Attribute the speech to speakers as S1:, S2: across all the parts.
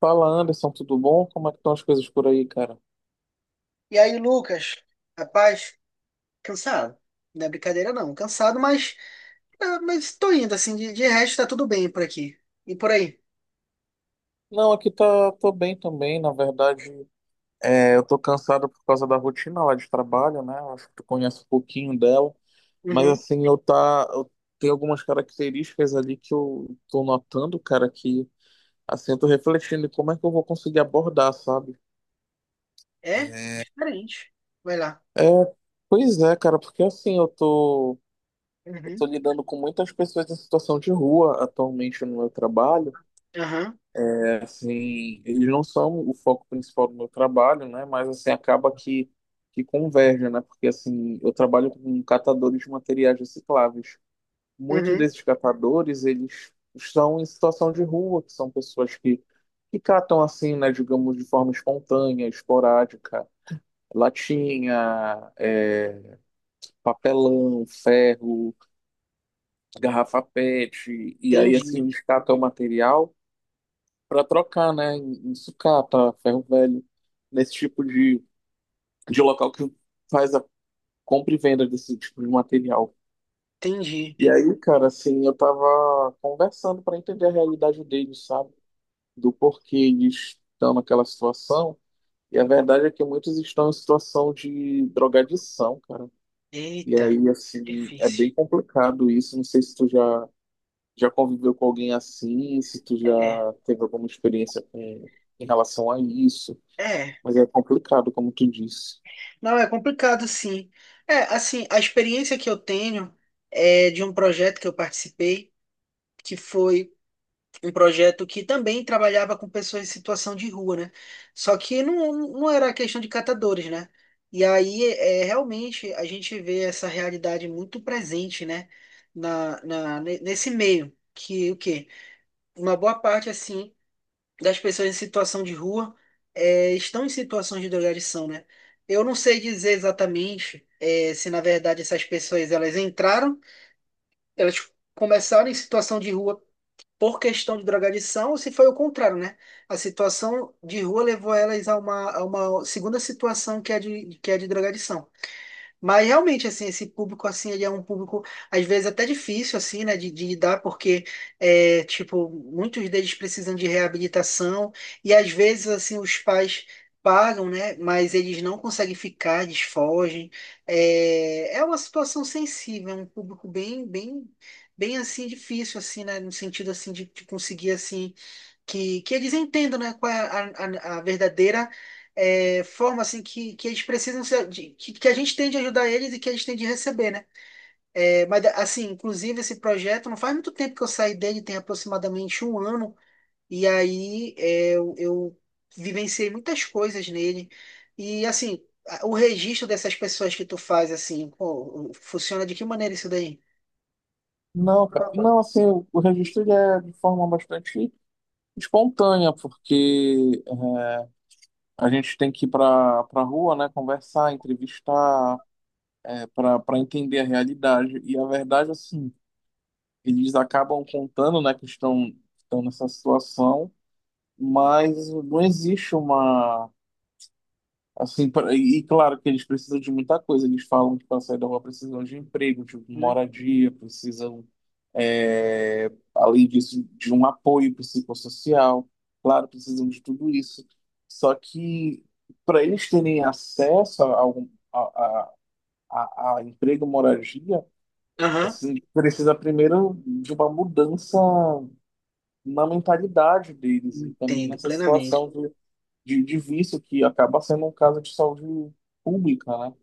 S1: Fala, Anderson, tudo bom? Como é que estão as coisas por aí, cara?
S2: E aí, Lucas, rapaz, cansado. Não é brincadeira, não. Cansado, mas, mas tô indo, assim. De resto, tá tudo bem por aqui. E por aí?
S1: Não, aqui tá, tô bem também, na verdade, eu tô cansado por causa da rotina lá de trabalho, né? Eu acho que tu conhece um pouquinho dela, mas
S2: Uhum.
S1: assim, eu tenho algumas características ali que eu tô notando, cara, que assim, eu tô refletindo em como é que eu vou conseguir abordar, sabe?
S2: É? Diferente. Vai lá.
S1: É, pois é, cara, porque assim, eu tô
S2: Uhum.
S1: lidando com muitas pessoas em situação de rua atualmente no meu trabalho.
S2: Aham.
S1: Assim, eles não são o foco principal do meu trabalho, né? Mas assim acaba que converge, né? Porque assim, eu trabalho com catadores de materiais recicláveis. Muitos
S2: Uhum.
S1: desses catadores, eles estão em situação de rua, que são pessoas que catam assim, né, digamos, de forma espontânea, esporádica, latinha, papelão, ferro, garrafa PET, e aí assim
S2: Entendi.
S1: eles catam o material para trocar, né? Em sucata, ferro velho, nesse tipo de local que faz a compra e venda desse tipo de material.
S2: Entendi.
S1: E aí, cara, assim, eu tava conversando para entender a realidade deles, sabe? Do porquê eles estão naquela situação. E a verdade é que muitos estão em situação de drogadição, cara. E
S2: Eita.
S1: aí, assim, é
S2: Difícil.
S1: bem complicado isso. Não sei se tu já, já conviveu com alguém assim, se tu já
S2: É.
S1: teve alguma experiência com, em relação a isso.
S2: É.
S1: Mas é complicado, como tu disse.
S2: Não, é complicado, sim. É, assim, a experiência que eu tenho é de um projeto que eu participei, que foi. Um projeto que também trabalhava com pessoas em situação de rua, né? Só que não era questão de catadores, né? E aí, é, realmente, a gente vê essa realidade muito presente, né? Nesse meio, que o quê? Uma boa parte, assim, das pessoas em situação de rua estão em situações de drogadição, né? Eu não sei dizer exatamente se, na verdade, essas pessoas, elas entraram, elas começaram em situação de rua por questão de drogadição ou se foi o contrário, né? A situação de rua levou elas a uma segunda situação que é que é de drogadição. Mas realmente, assim, esse público, assim, ele é um público, às vezes, até difícil, assim, né, de lidar, porque, é, tipo, muitos deles precisam de reabilitação e, às vezes, assim, os pais pagam, né, mas eles não conseguem ficar, eles fogem. É, é uma situação sensível, é um público bem, assim, difícil, assim, né, no sentido, assim, de conseguir, assim, que eles entendam, né, qual é a verdadeira é, forma assim que eles precisam que a gente tem de ajudar eles e que eles têm de receber, né? É, mas assim, inclusive esse projeto não faz muito tempo que eu saí dele, tem aproximadamente um ano, e aí é, eu vivenciei muitas coisas nele e assim o registro dessas pessoas que tu faz assim, pô, funciona de que maneira isso daí?
S1: Não, cara. Não, assim, o registro ele é de forma bastante espontânea, porque a gente tem que ir para para rua, né, conversar, entrevistar, para entender a realidade. E a verdade, assim, eles acabam contando, né, que estão, estão nessa situação, mas não existe uma... Assim, e claro que eles precisam de muita coisa. Eles falam que para sair da rua precisam de emprego, de
S2: Hum.
S1: moradia, precisam, é, além disso, de um apoio psicossocial. Claro, precisam de tudo isso. Só que para eles terem acesso a, algum, a, a, a emprego, moradia,
S2: Aham,
S1: assim, precisa primeiro de uma mudança na mentalidade deles e também
S2: entendo
S1: nessa
S2: plenamente.
S1: situação de vício que acaba sendo um caso de saúde pública, né?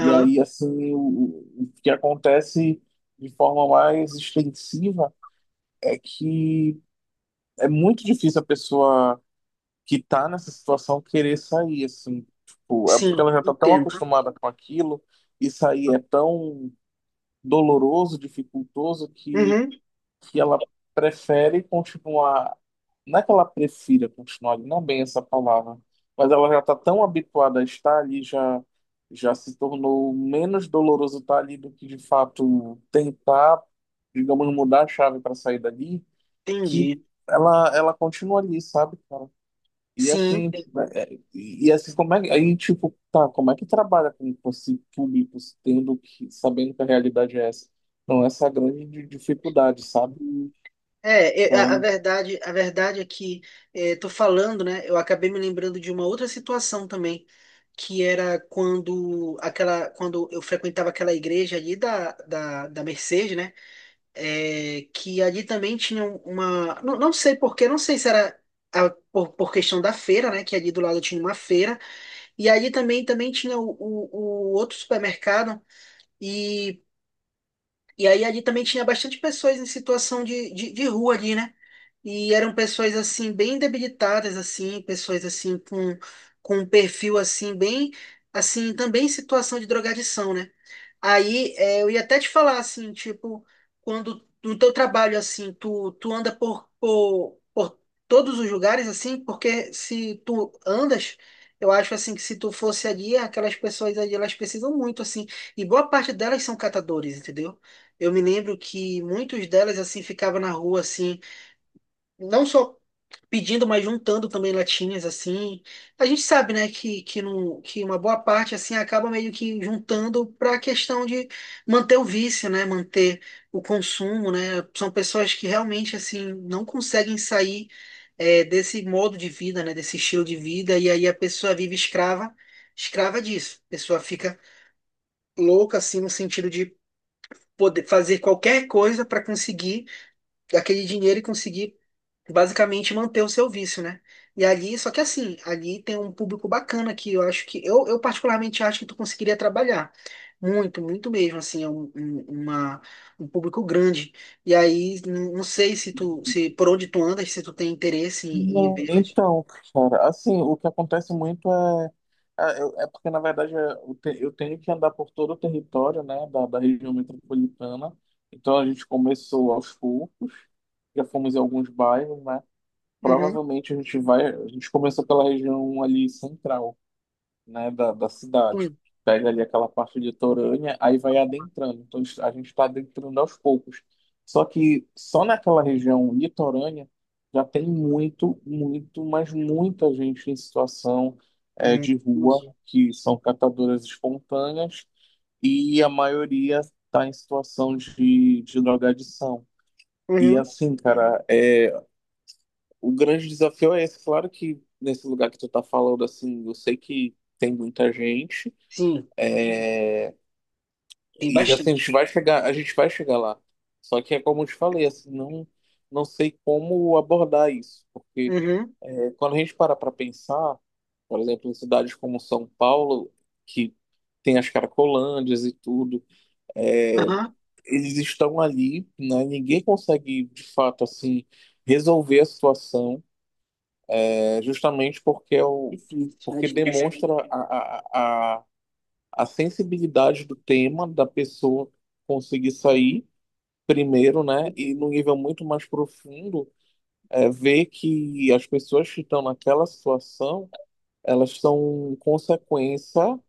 S1: E aí, assim, o que acontece de forma mais extensiva é que é muito difícil a pessoa que tá nessa situação querer sair, assim. Tipo, é porque
S2: sim,
S1: ela já tá tão
S2: entendo.
S1: acostumada com aquilo e sair é tão doloroso, dificultoso, que
S2: Uhum,
S1: que ela prefere continuar. Não é que ela prefira continuar, ali, não é bem essa palavra, mas ela já está tão habituada a estar ali, já, já se tornou menos doloroso estar ali do que de fato tentar, digamos, mudar a chave para sair dali, que
S2: entendi.
S1: ela continua ali, sabe, cara? E
S2: Sim.
S1: assim, e assim, como é que, aí, tipo, tá, como é que trabalha com esse público, tendo que, sabendo que a realidade é essa? Então, essa é a grande dificuldade, sabe?
S2: É, é,
S1: Então,
S2: a verdade é que é, tô falando, né? Eu acabei me lembrando de uma outra situação também, que era quando aquela, quando eu frequentava aquela igreja ali da Mercedes, né? É, que ali também tinha uma, não, não sei por quê, não sei se era por, questão da feira, né? Que ali do lado tinha uma feira e ali também tinha o outro supermercado e E aí ali também tinha bastante pessoas em situação de rua ali, né? E eram pessoas assim bem debilitadas assim, pessoas assim com um perfil assim bem assim também em situação de drogadição, né? Aí é, eu ia até te falar assim, tipo, quando no teu trabalho assim, tu anda por todos os lugares assim, porque se tu andas. Eu acho assim que se tu fosse ali, aquelas pessoas ali, elas precisam muito assim, e boa parte delas são catadores, entendeu? Eu me lembro que muitos delas assim ficavam na rua assim, não só pedindo, mas juntando também latinhas assim. A gente sabe, né, que, não, que uma boa parte assim acaba meio que juntando para a questão de manter o vício, né, manter o consumo, né? São pessoas que realmente assim não conseguem sair é, desse modo de vida, né, desse estilo de vida e aí a pessoa vive escrava, escrava disso. A pessoa fica louca assim no sentido de poder fazer qualquer coisa para conseguir aquele dinheiro e conseguir basicamente manter o seu vício, né? E ali, só que assim, ali tem um público bacana que eu acho que eu particularmente acho que tu conseguiria trabalhar. Muito mesmo, assim, é uma, um público grande. E aí, não sei se tu, se por onde tu andas, se tu tem interesse em, em
S1: Não,
S2: vê-las.
S1: Então, cara, assim, o que acontece muito é, é porque, na verdade, é, eu tenho que andar por todo o território, né, da, da região metropolitana. Então, a gente começou aos poucos, já fomos em alguns bairros, né?
S2: Uhum.
S1: Provavelmente a gente vai, a gente começou pela região ali central, né, da, da cidade.
S2: Sim.
S1: Pega ali aquela parte de litorânea, aí vai adentrando. A gente está adentrando aos poucos. Só que só naquela região litorânea já tem muito, muito, mas muita gente em situação
S2: Uhum.
S1: de rua,
S2: Entendi.
S1: que são catadoras espontâneas, e a maioria está em situação de drogadição. E
S2: Uhum.
S1: assim, cara, é, o grande desafio é esse. Claro que nesse lugar que tu tá falando, assim, eu sei que tem muita gente.
S2: Sim, tem
S1: E assim, a
S2: bastante.
S1: gente vai chegar, a gente vai chegar lá. Só que é como eu te falei, assim, não, não sei como abordar isso, porque
S2: Uhum.
S1: é, quando a gente para pensar, por exemplo, em cidades como São Paulo, que tem as caracolândias e tudo, é,
S2: Aham.
S1: eles estão ali, né? Ninguém consegue, de fato, assim, resolver a situação, é, justamente porque é o,
S2: Difícil, é
S1: porque
S2: difícil.
S1: demonstra a sensibilidade do tema da pessoa conseguir sair primeiro, né? E
S2: Entendo.
S1: no nível muito mais profundo, é, ver que as pessoas que estão naquela situação, elas são consequência,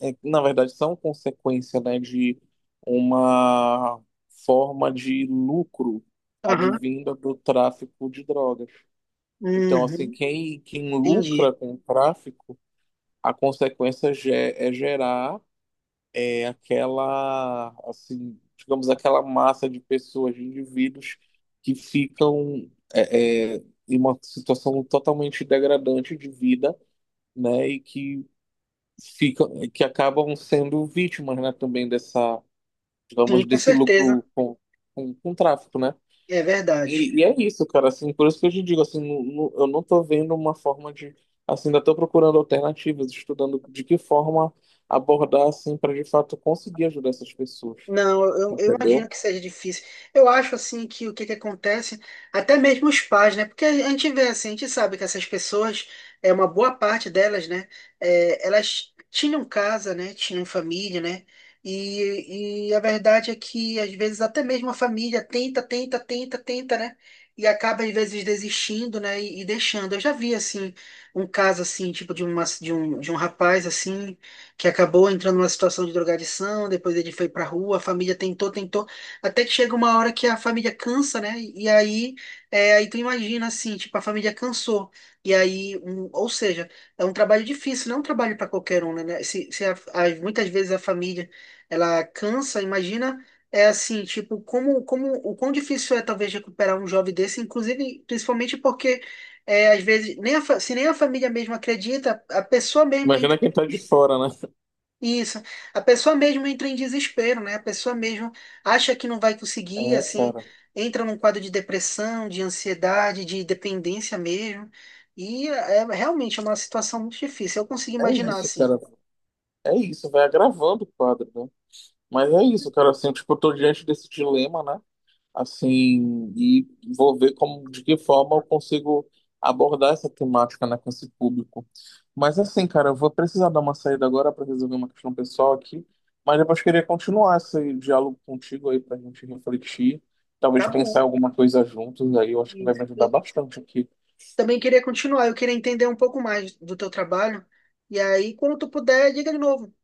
S1: é, na verdade, são consequência, né, de uma forma de lucro
S2: Aham.
S1: advinda do tráfico de drogas. Então, assim,
S2: Uhum.
S1: quem, quem lucra
S2: Entendi.
S1: com o tráfico, a consequência é gerar é aquela, assim, digamos, aquela massa de pessoas, de indivíduos que ficam em uma situação totalmente degradante de vida, né, e que ficam, que acabam sendo vítimas, né, também dessa,
S2: Sim,
S1: digamos,
S2: com
S1: desse
S2: certeza.
S1: lucro com tráfico, né?
S2: É verdade.
S1: E é isso, cara, assim, por isso que eu te digo, assim, eu não tô vendo uma forma de, assim, ainda tô procurando alternativas, estudando de que forma abordar, assim, para de fato conseguir ajudar essas pessoas,
S2: Não, eu imagino
S1: entendeu?
S2: que seja difícil. Eu acho assim que o que que acontece, até mesmo os pais, né? Porque a gente vê assim, a gente sabe que essas pessoas, é uma boa parte delas, né? É, elas tinham casa, né? Tinham família, né? E a verdade é que às vezes até mesmo a família tenta, né? E acaba às vezes desistindo, né? E deixando. Eu já vi assim um caso assim, tipo de um rapaz assim que acabou entrando numa situação de drogadição, depois ele foi pra rua, a família tentou, até que chega uma hora que a família cansa, né? E aí, é, aí tu imagina assim, tipo, a família cansou. E aí, um, ou seja, é um trabalho difícil, não é um trabalho para qualquer um, né? Né? Se a- a- Muitas vezes a família ela cansa, imagina é assim, tipo, como o quão difícil é talvez recuperar um jovem desse, inclusive, principalmente porque é, às vezes nem a fa- se nem a família mesmo acredita, a pessoa mesmo
S1: Imagina
S2: entra.
S1: quem tá de fora, né?
S2: Isso. A pessoa mesmo entra em desespero, né? A pessoa mesmo acha que não vai conseguir,
S1: É,
S2: assim,
S1: cara.
S2: entra num quadro de depressão, de ansiedade, de dependência mesmo. E é, realmente é uma situação muito difícil. Eu consigo
S1: É
S2: imaginar
S1: isso,
S2: assim.
S1: cara. É isso, vai agravando o quadro, né? Mas é isso, cara. Assim, tipo, eu tô diante desse dilema, né? Assim, e vou ver como, de que forma eu consigo abordar essa temática, né, com esse público. Mas assim, cara, eu vou precisar dar uma saída agora para resolver uma questão pessoal aqui. Mas depois queria continuar esse diálogo contigo aí pra gente refletir, talvez
S2: Tá
S1: pensar
S2: bom.
S1: em alguma coisa juntos aí. Eu acho que vai me
S2: Isso.
S1: ajudar
S2: Eu
S1: bastante aqui.
S2: também queria continuar, eu queria entender um pouco mais do teu trabalho. E aí, quando tu puder, diga de novo.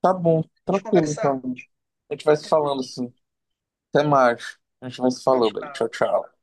S1: Tá bom,
S2: A gente
S1: tranquilo
S2: conversar.
S1: então, gente. A gente vai se
S2: Até
S1: falando
S2: mais.
S1: assim. Até mais. A gente vai se
S2: Tchau,
S1: falando aí. Tchau,
S2: tchau.
S1: tchau.